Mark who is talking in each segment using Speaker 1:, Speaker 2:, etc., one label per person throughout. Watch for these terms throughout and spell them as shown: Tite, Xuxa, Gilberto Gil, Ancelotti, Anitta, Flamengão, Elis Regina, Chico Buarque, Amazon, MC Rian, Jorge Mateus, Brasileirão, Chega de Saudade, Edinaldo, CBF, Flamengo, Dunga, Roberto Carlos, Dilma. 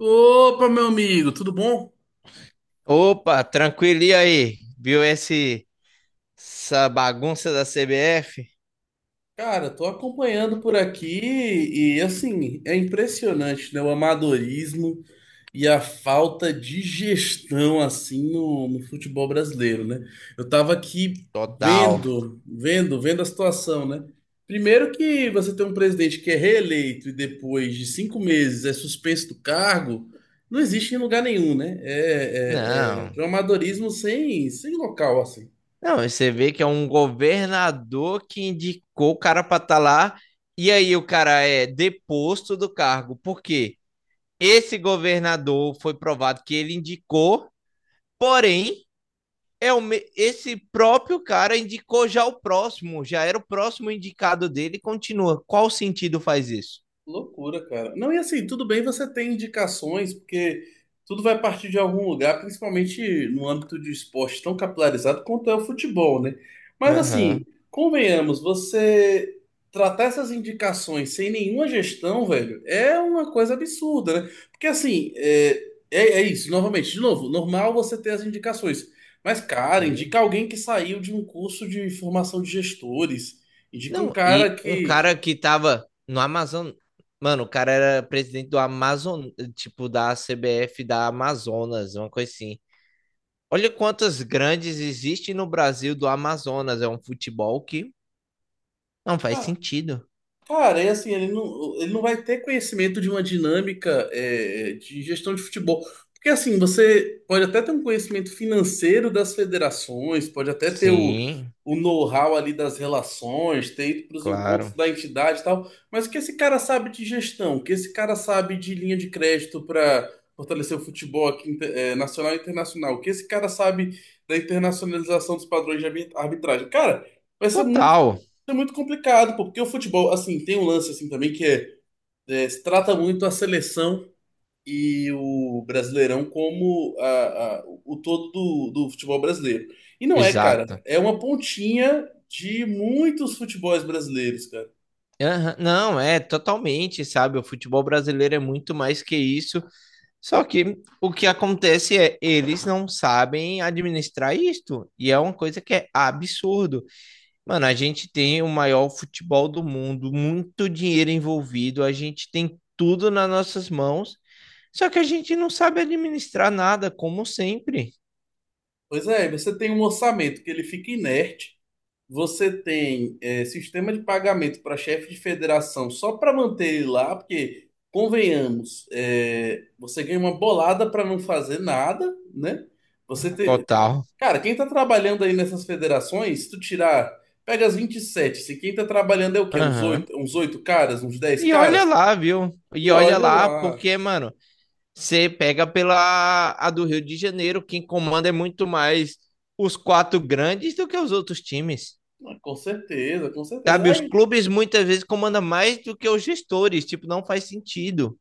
Speaker 1: Opa, meu amigo, tudo bom?
Speaker 2: Opa, tranquilo, e aí? Viu essa bagunça da CBF?
Speaker 1: Cara, tô acompanhando por aqui e assim, é impressionante, né? O amadorismo e a falta de gestão assim no futebol brasileiro, né? Eu tava aqui
Speaker 2: Total.
Speaker 1: vendo a situação, né? Primeiro que você tem um presidente que é reeleito e depois de cinco meses é suspenso do cargo, não existe em lugar nenhum, né? É de
Speaker 2: Não,
Speaker 1: um amadorismo sem local, assim.
Speaker 2: não, você vê que é um governador que indicou o cara para estar lá e aí o cara é deposto do cargo, porque esse governador foi provado que ele indicou, porém, esse próprio cara indicou já o próximo, já era o próximo indicado dele e continua. Qual sentido faz isso?
Speaker 1: Loucura, cara. Não, e assim, tudo bem você ter indicações, porque tudo vai partir de algum lugar, principalmente no âmbito de esporte tão capilarizado quanto é o futebol, né? Mas assim,
Speaker 2: Aham,
Speaker 1: convenhamos, você tratar essas indicações sem nenhuma gestão, velho, é uma coisa absurda, né? Porque assim, é isso, novamente, de novo, normal você ter as indicações. Mas, cara,
Speaker 2: sim.
Speaker 1: indica alguém que saiu de um curso de formação de gestores. Indica um
Speaker 2: Não,
Speaker 1: cara
Speaker 2: e um
Speaker 1: que,
Speaker 2: cara
Speaker 1: que
Speaker 2: que tava no Amazon. Mano, o cara era presidente do Amazon, tipo, da CBF da Amazonas, uma coisa assim. Olha quantas grandes existem no Brasil do Amazonas. É um futebol que não faz sentido.
Speaker 1: cara, e assim, ele não vai ter conhecimento de uma dinâmica, de gestão de futebol. Porque assim, você pode até ter um conhecimento financeiro das federações, pode até ter
Speaker 2: Sim,
Speaker 1: o know-how ali das relações, ter ido para os encontros
Speaker 2: claro.
Speaker 1: da entidade e tal, mas o que esse cara sabe de gestão, o que esse cara sabe de linha de crédito para fortalecer o futebol aqui, nacional e internacional, o que esse cara sabe da internacionalização dos padrões de arbitragem. Cara, vai ser muito,
Speaker 2: Total.
Speaker 1: é muito complicado, pô, porque o futebol, assim, tem um lance assim também que se trata muito a seleção e o Brasileirão como o todo do futebol brasileiro. E não é,
Speaker 2: Exato.
Speaker 1: cara, é uma pontinha de muitos futebols brasileiros, cara.
Speaker 2: Aham, não, é totalmente, sabe? O futebol brasileiro é muito mais que isso. Só que o que acontece é eles não sabem administrar isto. E é uma coisa que é absurdo. Mano, a gente tem o maior futebol do mundo, muito dinheiro envolvido, a gente tem tudo nas nossas mãos, só que a gente não sabe administrar nada, como sempre.
Speaker 1: Pois é, você tem um orçamento que ele fica inerte, você tem sistema de pagamento para chefe de federação só para manter ele lá, porque, convenhamos, você ganha uma bolada para não fazer nada, né? Você tem...
Speaker 2: Total.
Speaker 1: Cara, quem tá trabalhando aí nessas federações, se tu tirar, pega as 27, se quem tá trabalhando é o quê?
Speaker 2: Aham.
Speaker 1: Uns 8 caras, uns 10
Speaker 2: E
Speaker 1: caras?
Speaker 2: olha lá, viu? E
Speaker 1: E
Speaker 2: olha
Speaker 1: olha
Speaker 2: lá,
Speaker 1: lá,
Speaker 2: porque, mano, você pega pela a do Rio de Janeiro, quem comanda é muito mais os quatro grandes do que os outros times.
Speaker 1: ah, com certeza, com certeza.
Speaker 2: Sabe, os
Speaker 1: Aí
Speaker 2: clubes muitas vezes comandam mais do que os gestores, tipo, não faz sentido,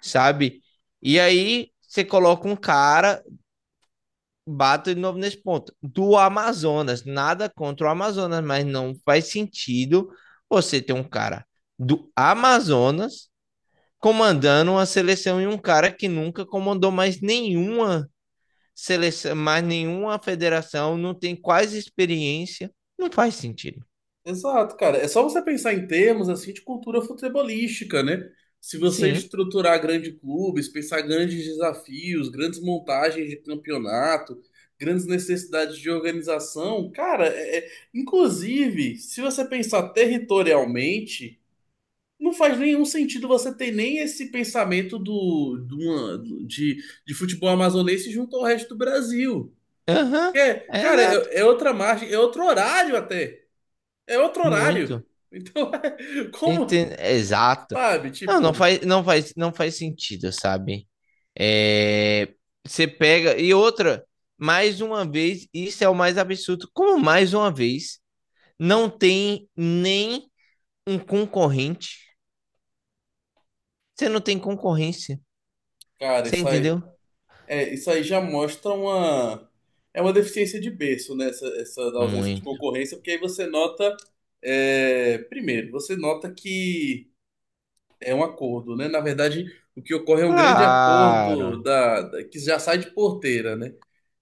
Speaker 2: sabe? E aí você coloca um cara, bato de novo nesse ponto, do Amazonas. Nada contra o Amazonas, mas não faz sentido você ter um cara do Amazonas comandando uma seleção e um cara que nunca comandou mais nenhuma seleção, mais nenhuma federação, não tem quase experiência. Não faz sentido.
Speaker 1: exato, cara. É só você pensar em termos assim de cultura futebolística, né? Se você
Speaker 2: Sim.
Speaker 1: estruturar grandes clubes, pensar grandes desafios, grandes montagens de campeonato, grandes necessidades de organização, cara, inclusive, se você pensar territorialmente, não faz nenhum sentido você ter nem esse pensamento do, de, uma- de futebol amazonense junto ao resto do Brasil.
Speaker 2: Aham. Uhum.
Speaker 1: É,
Speaker 2: É,
Speaker 1: cara,
Speaker 2: exato.
Speaker 1: é outra margem, é outro horário até. É outro
Speaker 2: Muito.
Speaker 1: horário. Então, como,
Speaker 2: Exato.
Speaker 1: sabe?
Speaker 2: Não,
Speaker 1: Tipo,
Speaker 2: não faz sentido, sabe? É, você pega. E outra, mais uma vez, isso é o mais absurdo. Como mais uma vez, não tem nem um concorrente. Você não tem concorrência.
Speaker 1: cara,
Speaker 2: Você
Speaker 1: isso aí,
Speaker 2: entendeu?
Speaker 1: isso aí já mostra uma, é uma deficiência de berço, né? Essa da ausência de
Speaker 2: Muito.
Speaker 1: concorrência, porque aí você nota, primeiro, você nota que é um acordo, né? Na verdade, o que ocorre é um grande
Speaker 2: Claro.
Speaker 1: acordo que já sai de porteira, né?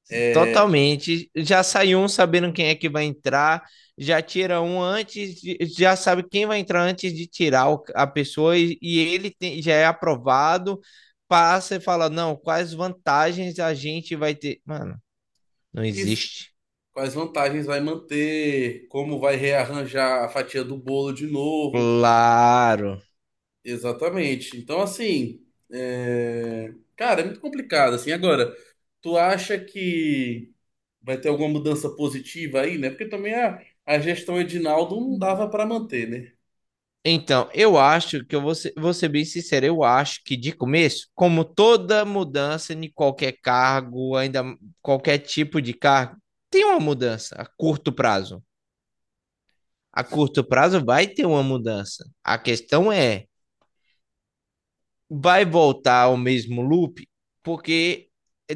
Speaker 1: É,
Speaker 2: Totalmente. Já sai um sabendo quem é que vai entrar, já tira um antes, já sabe quem vai entrar antes de tirar a pessoa e, já é aprovado, passa e fala, não, quais vantagens a gente vai ter? Mano, não
Speaker 1: isso.
Speaker 2: existe.
Speaker 1: Quais vantagens vai manter, como vai rearranjar a fatia do bolo de novo.
Speaker 2: Claro.
Speaker 1: Exatamente. Então, assim, cara, é muito complicado, assim. Agora, tu acha que vai ter alguma mudança positiva aí, né? Porque também a gestão Edinaldo não dava para manter, né?
Speaker 2: Então, eu acho que vou ser bem sincero, eu acho que de começo, como toda mudança em qualquer cargo, ainda qualquer tipo de cargo, tem uma mudança a curto prazo. A curto prazo vai ter uma mudança. A questão é, vai voltar ao mesmo loop? Porque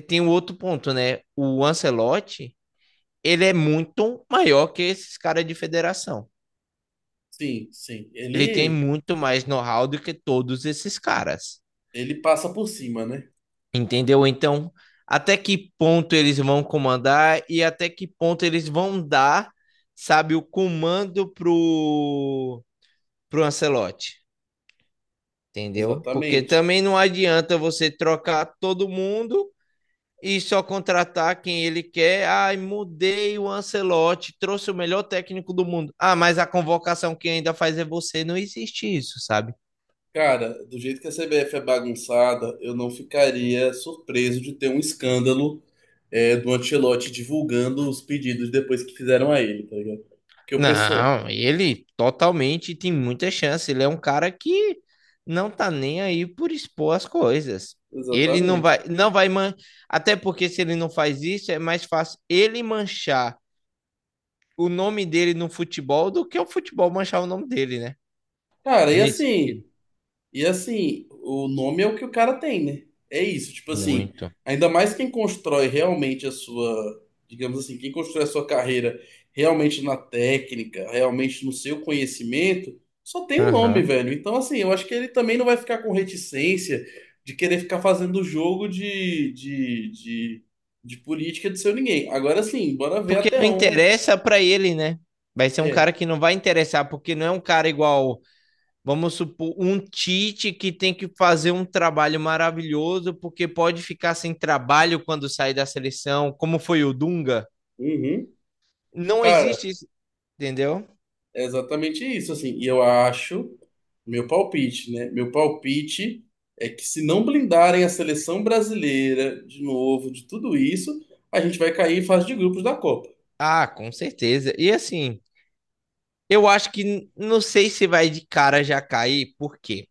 Speaker 2: tem um outro ponto, né? O Ancelotti, ele é muito maior que esses caras de federação.
Speaker 1: Sim, sim.
Speaker 2: Ele tem
Speaker 1: Ele,
Speaker 2: muito mais know-how do que todos esses caras.
Speaker 1: ele passa por cima, né?
Speaker 2: Entendeu? Então, até que ponto eles vão comandar e até que ponto eles vão dar, sabe, o comando pro, pro Ancelotti? Entendeu? Porque
Speaker 1: Exatamente.
Speaker 2: também não adianta você trocar todo mundo e só contratar quem ele quer. Ai, mudei o Ancelotti, trouxe o melhor técnico do mundo. Ah, mas a convocação que ainda faz é você. Não existe isso, sabe?
Speaker 1: Cara, do jeito que a CBF é bagunçada, eu não ficaria surpreso de ter um escândalo, do Ancelotti divulgando os pedidos depois que fizeram a ele, tá ligado? Porque o pessoal.
Speaker 2: Não, ele totalmente tem muita chance. Ele é um cara que não tá nem aí por expor as coisas. Ele
Speaker 1: Exatamente.
Speaker 2: não vai man... até porque se ele não faz isso, é mais fácil ele manchar o nome dele no futebol do que o futebol manchar o nome dele, né?
Speaker 1: Cara,
Speaker 2: Nesse sentido.
Speaker 1: e assim, o nome é o que o cara tem, né? É isso, tipo assim,
Speaker 2: Muito.
Speaker 1: ainda mais quem constrói realmente a sua, digamos assim, quem constrói a sua carreira realmente na técnica, realmente no seu conhecimento, só tem um nome,
Speaker 2: Aham.
Speaker 1: velho. Então, assim, eu acho que ele também não vai ficar com reticência de querer ficar fazendo jogo de política de seu ninguém. Agora sim, bora ver
Speaker 2: Porque
Speaker 1: até
Speaker 2: não
Speaker 1: onde.
Speaker 2: interessa pra ele, né? Vai ser um
Speaker 1: É.
Speaker 2: cara que não vai interessar, porque não é um cara igual, vamos supor, um Tite que tem que fazer um trabalho maravilhoso, porque pode ficar sem trabalho quando sai da seleção, como foi o Dunga.
Speaker 1: Uhum.
Speaker 2: Não
Speaker 1: Cara,
Speaker 2: existe isso, entendeu?
Speaker 1: é exatamente isso, assim. E eu acho, meu palpite, né? Meu palpite é que se não blindarem a seleção brasileira de novo, de tudo isso, a gente vai cair em fase de grupos da Copa.
Speaker 2: Ah, com certeza. E assim, eu acho que não sei se vai de cara já cair, por quê?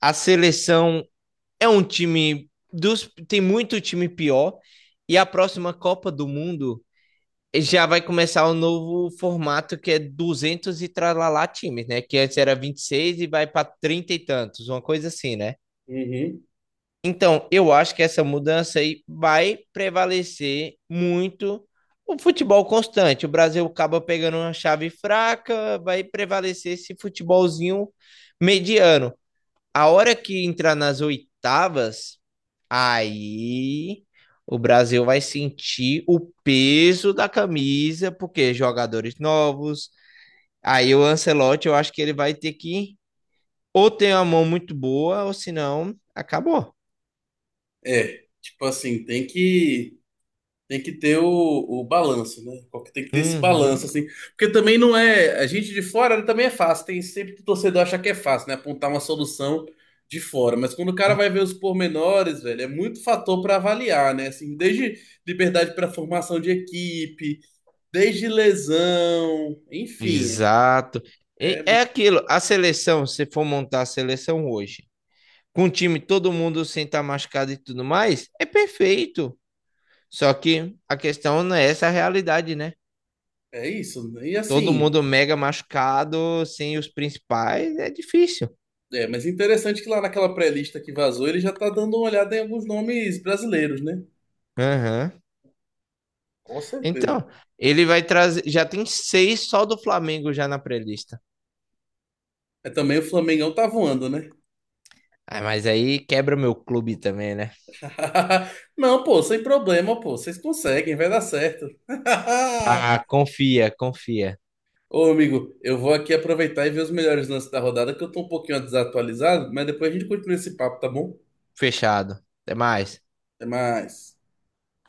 Speaker 2: A seleção é um time dos tem muito time pior e a próxima Copa do Mundo já vai começar o novo formato que é 200 e tralalá times, né? Que antes era 26 e vai para 30 e tantos, uma coisa assim, né?
Speaker 1: Uhum.
Speaker 2: Então, eu acho que essa mudança aí vai prevalecer muito o futebol constante. O Brasil acaba pegando uma chave fraca, vai prevalecer esse futebolzinho mediano. A hora que entrar nas oitavas, aí o Brasil vai sentir o peso da camisa, porque jogadores novos. Aí o Ancelotti, eu acho que ele vai ter que ou ter uma mão muito boa, ou senão acabou.
Speaker 1: É, tipo assim, tem que. Tem que ter o balanço, né? Tem que ter esse balanço,
Speaker 2: Uhum,
Speaker 1: assim. Porque também não é. A gente de fora também é fácil. Tem sempre que o torcedor acha que é fácil, né? Apontar uma solução de fora. Mas quando o cara vai ver os pormenores, velho, é muito fator para avaliar, né? Assim, desde liberdade para formação de equipe, desde lesão, enfim,
Speaker 2: exato.
Speaker 1: é, é
Speaker 2: E é aquilo, a seleção, se for montar a seleção hoje, com o time todo mundo sem estar machucado e tudo mais, é perfeito. Só que a questão não é essa a realidade, né?
Speaker 1: é isso. E
Speaker 2: Todo
Speaker 1: assim.
Speaker 2: mundo mega machucado, sem os principais, é difícil.
Speaker 1: É, mas interessante que lá naquela pré-lista que vazou, ele já tá dando uma olhada em alguns nomes brasileiros, né?
Speaker 2: Aham.
Speaker 1: Com certeza.
Speaker 2: Então, ele vai trazer. Já tem 6 só do Flamengo já na pré-lista.
Speaker 1: É, também o Flamengão tá voando, né?
Speaker 2: Ah, mas aí quebra o meu clube também, né?
Speaker 1: Não, pô, sem problema, pô. Vocês conseguem, vai dar certo.
Speaker 2: Ah, confia, confia.
Speaker 1: Ô, amigo, eu vou aqui aproveitar e ver os melhores lances da rodada, que eu tô um pouquinho desatualizado, mas depois a gente continua esse papo, tá bom?
Speaker 2: Fechado. Até mais.
Speaker 1: Até mais.